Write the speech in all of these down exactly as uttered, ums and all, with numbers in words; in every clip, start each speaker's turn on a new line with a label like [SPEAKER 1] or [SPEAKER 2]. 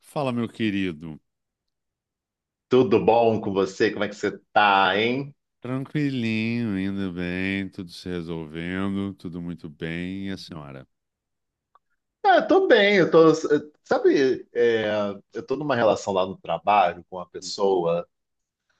[SPEAKER 1] Fala, meu querido.
[SPEAKER 2] Tudo bom com você? Como é que você tá, hein?
[SPEAKER 1] Tranquilinho, indo bem, tudo se resolvendo, tudo muito bem. E a senhora?
[SPEAKER 2] Ah, eu tô bem, eu tô. Sabe, é, eu tô numa relação lá no trabalho com uma pessoa.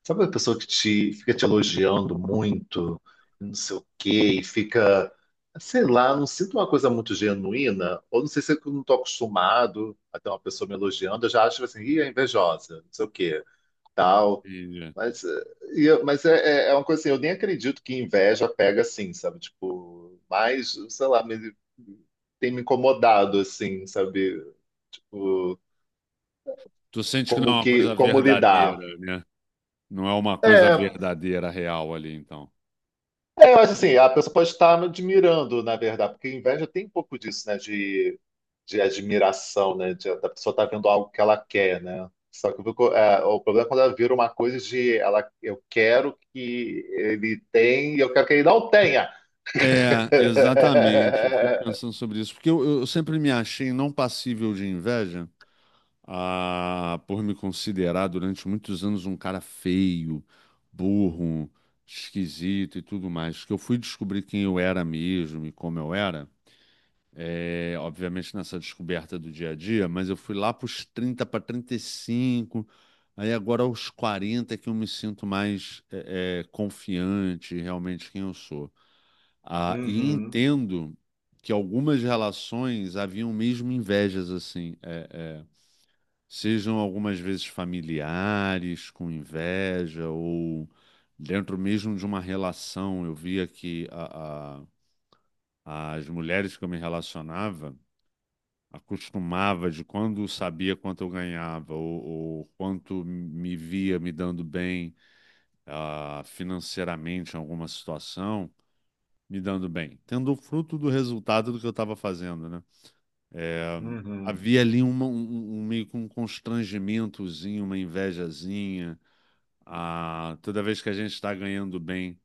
[SPEAKER 2] Sabe, uma pessoa que te fica te elogiando muito, não sei o quê, e fica, sei lá, não sinto uma coisa muito genuína, ou não sei se eu não tô acostumado a ter uma pessoa me elogiando, eu já acho tipo assim, ih, é invejosa, não sei o quê, tal.
[SPEAKER 1] Entendi.
[SPEAKER 2] Mas, eh, e eu- mas é, é é uma coisa assim, eu nem acredito que inveja pega assim, sabe? Tipo, mas, sei lá, me- tem me incomodado, assim, sabe? Tipo,
[SPEAKER 1] Tu sente que não
[SPEAKER 2] como
[SPEAKER 1] é uma coisa
[SPEAKER 2] que, como lidar.
[SPEAKER 1] verdadeira, né? Não é uma coisa
[SPEAKER 2] É,
[SPEAKER 1] verdadeira, real ali, então.
[SPEAKER 2] é, eu acho assim, a pessoa pode estar me admirando, na verdade, porque inveja tem um pouco disso, né? De, de admiração, né? de- da pessoa estar vendo algo que ela quer, né? Só que eu fico- é, o problema é quando ela vira uma coisa de ela, eu quero que ele tenha, e eu quero que ele não tenha.
[SPEAKER 1] É, exatamente. Eu fico pensando sobre isso, porque eu, eu sempre me achei não passível de inveja, ah, por me considerar durante muitos anos um cara feio, burro, esquisito e tudo mais. Que eu fui descobrir quem eu era mesmo e como eu era. É, obviamente nessa descoberta do dia a dia, mas eu fui lá para os trinta para trinta e cinco, aí agora aos quarenta é que eu me sinto mais é, é, confiante realmente quem eu sou. Ah, e
[SPEAKER 2] Uhum,
[SPEAKER 1] entendo que algumas relações haviam mesmo invejas assim, é, é, sejam algumas vezes familiares com inveja ou dentro mesmo de uma relação. Eu via que a, a- as mulheres que eu me relacionava acostumava de quando sabia quanto eu ganhava ou, ou quanto me via me dando bem ah, financeiramente em alguma situação, me dando bem, tendo o fruto do resultado do que eu estava fazendo, né? É,
[SPEAKER 2] uhum.
[SPEAKER 1] havia ali uma- um, um- um, meio que um constrangimentozinho, uma invejazinha. Ah, toda vez que a gente está ganhando bem,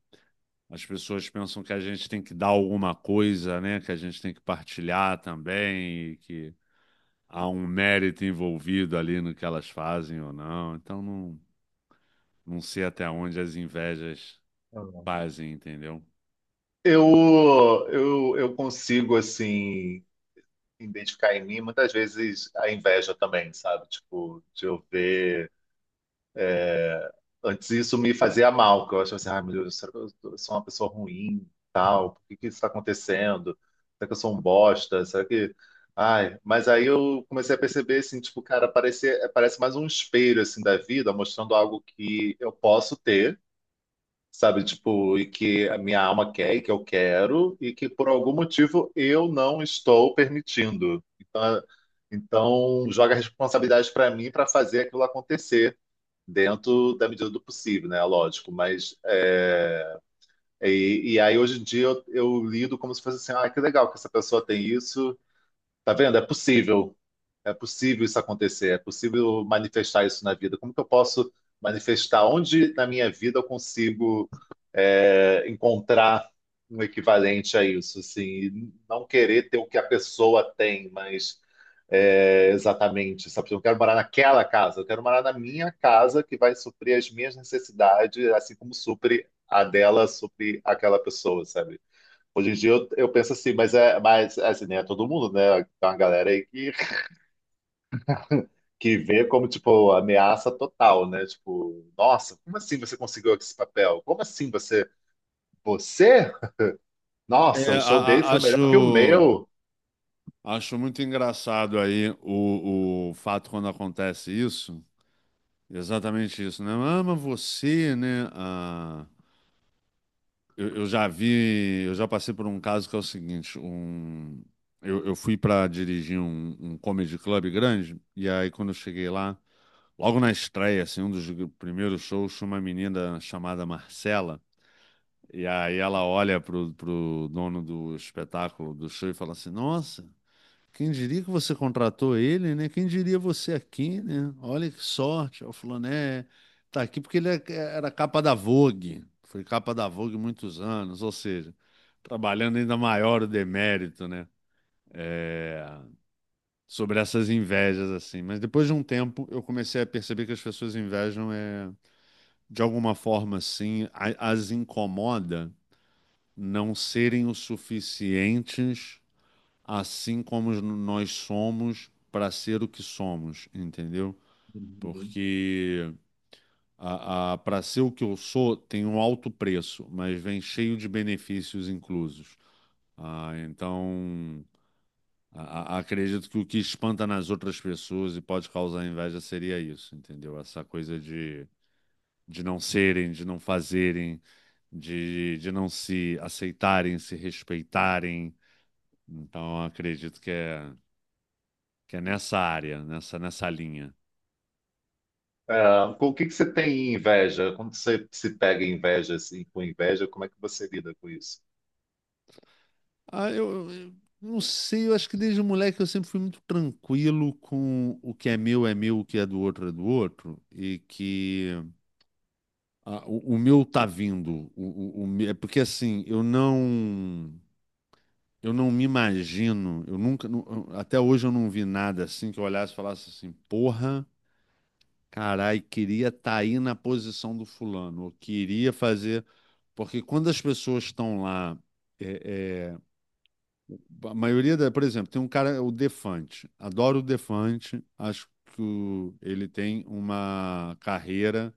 [SPEAKER 1] as pessoas pensam que a gente tem que dar alguma coisa, né? Que a gente tem que partilhar também, e que há um mérito envolvido ali no que elas fazem ou não. Então não, não sei até onde as invejas
[SPEAKER 2] Uhum.
[SPEAKER 1] fazem, entendeu?
[SPEAKER 2] Eu, eu, eu consigo, assim, identificar em mim muitas vezes a inveja também, sabe? Tipo, de eu ver. Antes isso me fazia mal, que eu achava assim, ai meu Deus, será que eu tô- sou uma pessoa ruim, tal? Por que que isso está acontecendo? Será que eu sou um bosta? Será que. Ai, mas aí eu comecei a perceber, assim, tipo, cara, parece, parece mais um espelho, assim, da vida, mostrando algo que eu posso ter, sabe? Tipo, e que a minha alma quer e que eu quero e que por algum motivo eu não estou permitindo. Então, é- então joga a responsabilidade para mim para fazer aquilo acontecer dentro da medida do possível, né? Lógico, mas é, e, e aí hoje em dia eu, eu lido como se fosse assim, ah, que legal que essa pessoa tem isso. Tá vendo? É possível. É possível isso acontecer. É possível manifestar isso na vida. Como que eu posso manifestar? Onde na minha vida eu consigo, é, encontrar um equivalente a isso? Assim, e não querer ter o que a pessoa tem, mas é, exatamente. Sabe? Eu quero morar naquela casa. Eu quero morar na minha casa que vai suprir as minhas necessidades, assim como supre a dela, supre aquela pessoa, sabe? Hoje em dia eu, eu penso assim, mas é, mas é assim, nem é todo mundo, né? Tem uma galera aí que, que vê como, tipo, ameaça total, né? Tipo, nossa, como assim você conseguiu esse papel? Como assim você. Você?
[SPEAKER 1] É,
[SPEAKER 2] Nossa, o
[SPEAKER 1] a-
[SPEAKER 2] show dele
[SPEAKER 1] a-
[SPEAKER 2] foi melhor que o
[SPEAKER 1] acho,
[SPEAKER 2] meu.
[SPEAKER 1] acho muito engraçado aí o, o fato quando acontece isso, exatamente isso, né? Ah, mas você, né? Ah, eu, eu já vi, eu já passei por um caso que é o seguinte, um, eu, eu fui para dirigir um, um comedy club grande, e aí quando eu cheguei lá, logo na estreia, assim, um dos primeiros shows, tinha uma menina chamada Marcela, e aí ela olha pro, pro dono do espetáculo, do show, e fala assim: Nossa, quem diria que você contratou ele, né? Quem diria você aqui, né? Olha que sorte. Ela falou, né? Tá aqui porque ele é- era capa da Vogue, foi capa da Vogue muitos anos, ou seja, trabalhando ainda maior o demérito, né? É, sobre essas invejas, assim. Mas depois de um tempo, eu comecei a perceber que as pessoas invejam é de alguma forma, assim, a- as incomoda não serem o suficientes, assim como n- nós somos, para ser o que somos, entendeu?
[SPEAKER 2] Uhum.
[SPEAKER 1] Porque a, a, para ser o que eu sou, tem um alto preço, mas vem cheio de benefícios inclusos. Ah, então, a- a- acredito que o que espanta nas outras pessoas e pode causar inveja seria isso, entendeu? Essa coisa de, de não serem, de não fazerem. de, de não se aceitarem, se respeitarem. Então, eu acredito que é, que é, nessa área, nessa, nessa linha.
[SPEAKER 2] Ah, com o que que você tem inveja? Quando você se pega em inveja, assim, com inveja, como é que você lida com isso?
[SPEAKER 1] Ah, eu, eu não sei, eu acho que desde moleque eu sempre fui muito tranquilo com o que é meu é meu, o que é do outro é do outro, e que ah, o, o meu tá vindo. O, o, o me- é porque assim, eu não. Eu não me imagino, eu nunca, nu- até hoje eu não vi nada assim que eu olhasse e falasse assim, porra, carai, queria estar aí na posição do fulano. Eu queria fazer. Porque quando as pessoas estão lá, é, é, a maioria da, por exemplo, tem um cara, o Defante. Adoro o Defante, acho que o- ele tem uma carreira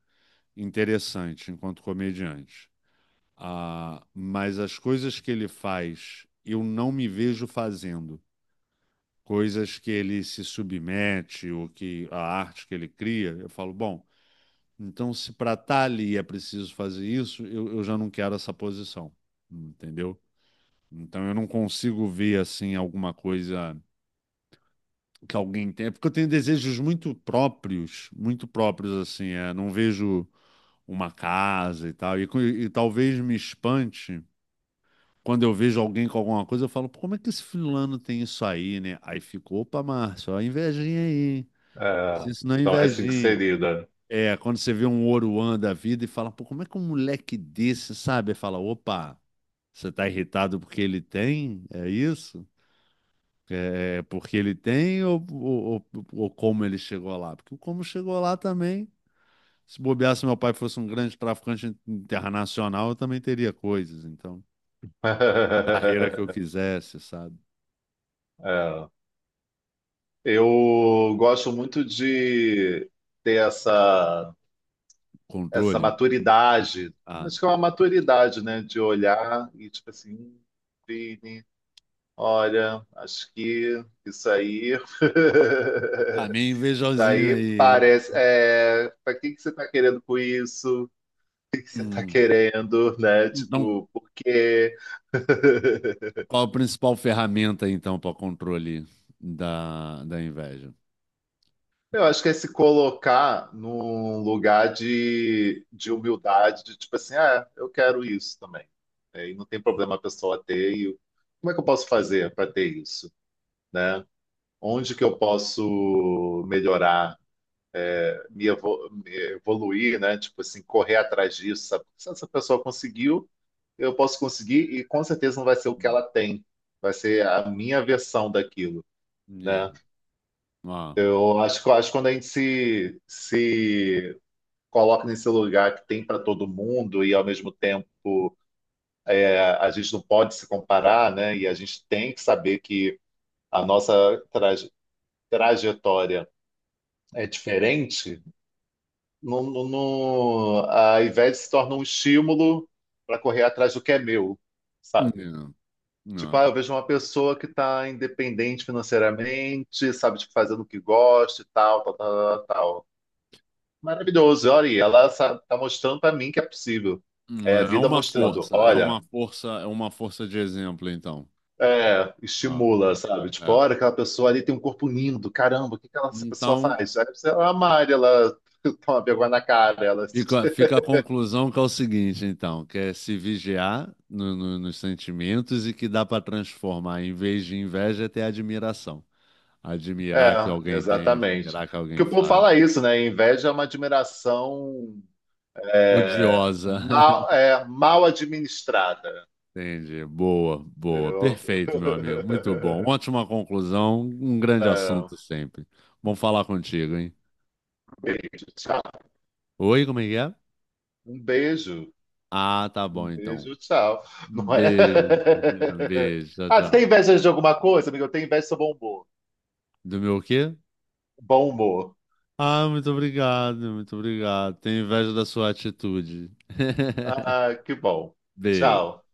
[SPEAKER 1] interessante enquanto comediante. Ah, mas as coisas que ele faz, eu não me vejo fazendo. Coisas que ele se submete, ou que a arte que ele cria, eu falo, bom. Então, se para estar ali é preciso fazer isso, eu, eu já não quero essa posição, entendeu? Então, eu não consigo ver assim alguma coisa que alguém tem. É porque eu tenho desejos muito próprios, muito próprios assim, é, não vejo uma casa e tal, e, co- e talvez me espante quando eu vejo alguém com alguma coisa, eu falo, pô, como é que esse fulano tem isso aí, né? Aí ficou, opa, Márcio, ó, a invejinha aí,
[SPEAKER 2] Ah,
[SPEAKER 1] isso não é
[SPEAKER 2] então é assim que você
[SPEAKER 1] invejinha.
[SPEAKER 2] lida.
[SPEAKER 1] É, quando você vê um Oruan da vida e fala, pô, como é que um moleque desse, sabe? Fala, opa, você tá irritado porque ele tem? É isso? É é porque ele tem ou, ou, ou- ou como ele chegou lá? Porque o como chegou lá também, se bobear, se meu pai fosse um grande traficante internacional, eu também teria coisas. Então, a carreira que eu quisesse, sabe?
[SPEAKER 2] É. Eu gosto muito de ter essa essa
[SPEAKER 1] Controle.
[SPEAKER 2] maturidade.
[SPEAKER 1] Ah,
[SPEAKER 2] Acho que é uma maturidade, né? De olhar e tipo assim, "Hum, Vini, olha, acho que isso aí.
[SPEAKER 1] tá meio
[SPEAKER 2] Isso
[SPEAKER 1] invejosinho
[SPEAKER 2] aí
[SPEAKER 1] aí, hein?
[SPEAKER 2] parece. É, para que que você está querendo com isso? O que que você está
[SPEAKER 1] Hum.
[SPEAKER 2] querendo, né?
[SPEAKER 1] Então,
[SPEAKER 2] Tipo, por quê?
[SPEAKER 1] qual a principal ferramenta, então, para o controle da, da inveja?
[SPEAKER 2] Eu acho que é se colocar num lugar de, de humildade, de tipo assim, ah, eu quero isso também. É, e não tem problema a pessoa ter. E eu- como é que eu posso fazer para ter isso, né? Onde que eu posso melhorar, me, evo- me evoluir, né? Tipo assim, correr atrás disso, sabe? Se essa pessoa conseguiu, eu posso conseguir e com certeza não vai ser o que ela tem. Vai ser a minha versão daquilo,
[SPEAKER 1] Yeah.
[SPEAKER 2] né?
[SPEAKER 1] Ah.
[SPEAKER 2] Eu acho que acho que quando a gente se, se coloca nesse lugar que tem para todo mundo e ao mesmo tempo a, a gente não pode se comparar, né? E a gente tem que saber que a nossa traje- trajetória é diferente. No, no, no- a Ivete se torna um estímulo para correr atrás do que é meu, sabe?
[SPEAKER 1] Yeah.
[SPEAKER 2] Tipo,
[SPEAKER 1] Ah.
[SPEAKER 2] ah, eu vejo uma pessoa que está independente financeiramente, sabe, tipo, fazendo o que gosta e tal, tal, tal, tal. Maravilhoso, olha aí, ela está mostrando para mim que é possível. É a
[SPEAKER 1] É
[SPEAKER 2] vida
[SPEAKER 1] uma
[SPEAKER 2] mostrando,
[SPEAKER 1] força, é
[SPEAKER 2] olha,
[SPEAKER 1] uma força, é uma força de exemplo, então.
[SPEAKER 2] é,
[SPEAKER 1] Ah,
[SPEAKER 2] estimula, sabe? Tipo,
[SPEAKER 1] é.
[SPEAKER 2] olha aquela pessoa ali tem um corpo lindo, caramba, o que que ela, essa pessoa
[SPEAKER 1] Então,
[SPEAKER 2] faz? Aí você, ela malha, ela toma vergonha na cara, ela se...
[SPEAKER 1] Fica, fica a conclusão que é o seguinte, então, que é se vigiar no- no- nos sentimentos e que dá para transformar, em vez de inveja, é admiração. Admirar que
[SPEAKER 2] É,
[SPEAKER 1] alguém tem,
[SPEAKER 2] exatamente.
[SPEAKER 1] admirar que
[SPEAKER 2] Porque
[SPEAKER 1] alguém
[SPEAKER 2] o povo
[SPEAKER 1] faz.
[SPEAKER 2] fala isso, né? Inveja é uma admiração é,
[SPEAKER 1] Odiosa.
[SPEAKER 2] mal, é, mal administrada.
[SPEAKER 1] Entendi. Boa, boa.
[SPEAKER 2] Entendeu?
[SPEAKER 1] Perfeito, meu amigo. Muito bom. Ótima conclusão. Um grande
[SPEAKER 2] É, um
[SPEAKER 1] assunto sempre. Bom falar contigo, hein?
[SPEAKER 2] beijo, tchau.
[SPEAKER 1] Oi, como é que é?
[SPEAKER 2] Um beijo,
[SPEAKER 1] Ah, tá
[SPEAKER 2] um
[SPEAKER 1] bom, então.
[SPEAKER 2] beijo, tchau.
[SPEAKER 1] Um
[SPEAKER 2] Não é?
[SPEAKER 1] beijo. Beijo. Tchau,
[SPEAKER 2] Ah, você tem
[SPEAKER 1] tchau.
[SPEAKER 2] inveja de alguma coisa, amigo? Eu tenho inveja do seu bombom.
[SPEAKER 1] Do meu quê?
[SPEAKER 2] Bom humor.
[SPEAKER 1] Ah, muito obrigado, muito obrigado. Tenho inveja da sua atitude.
[SPEAKER 2] Ah, que bom. Tchau.
[SPEAKER 1] Beijo.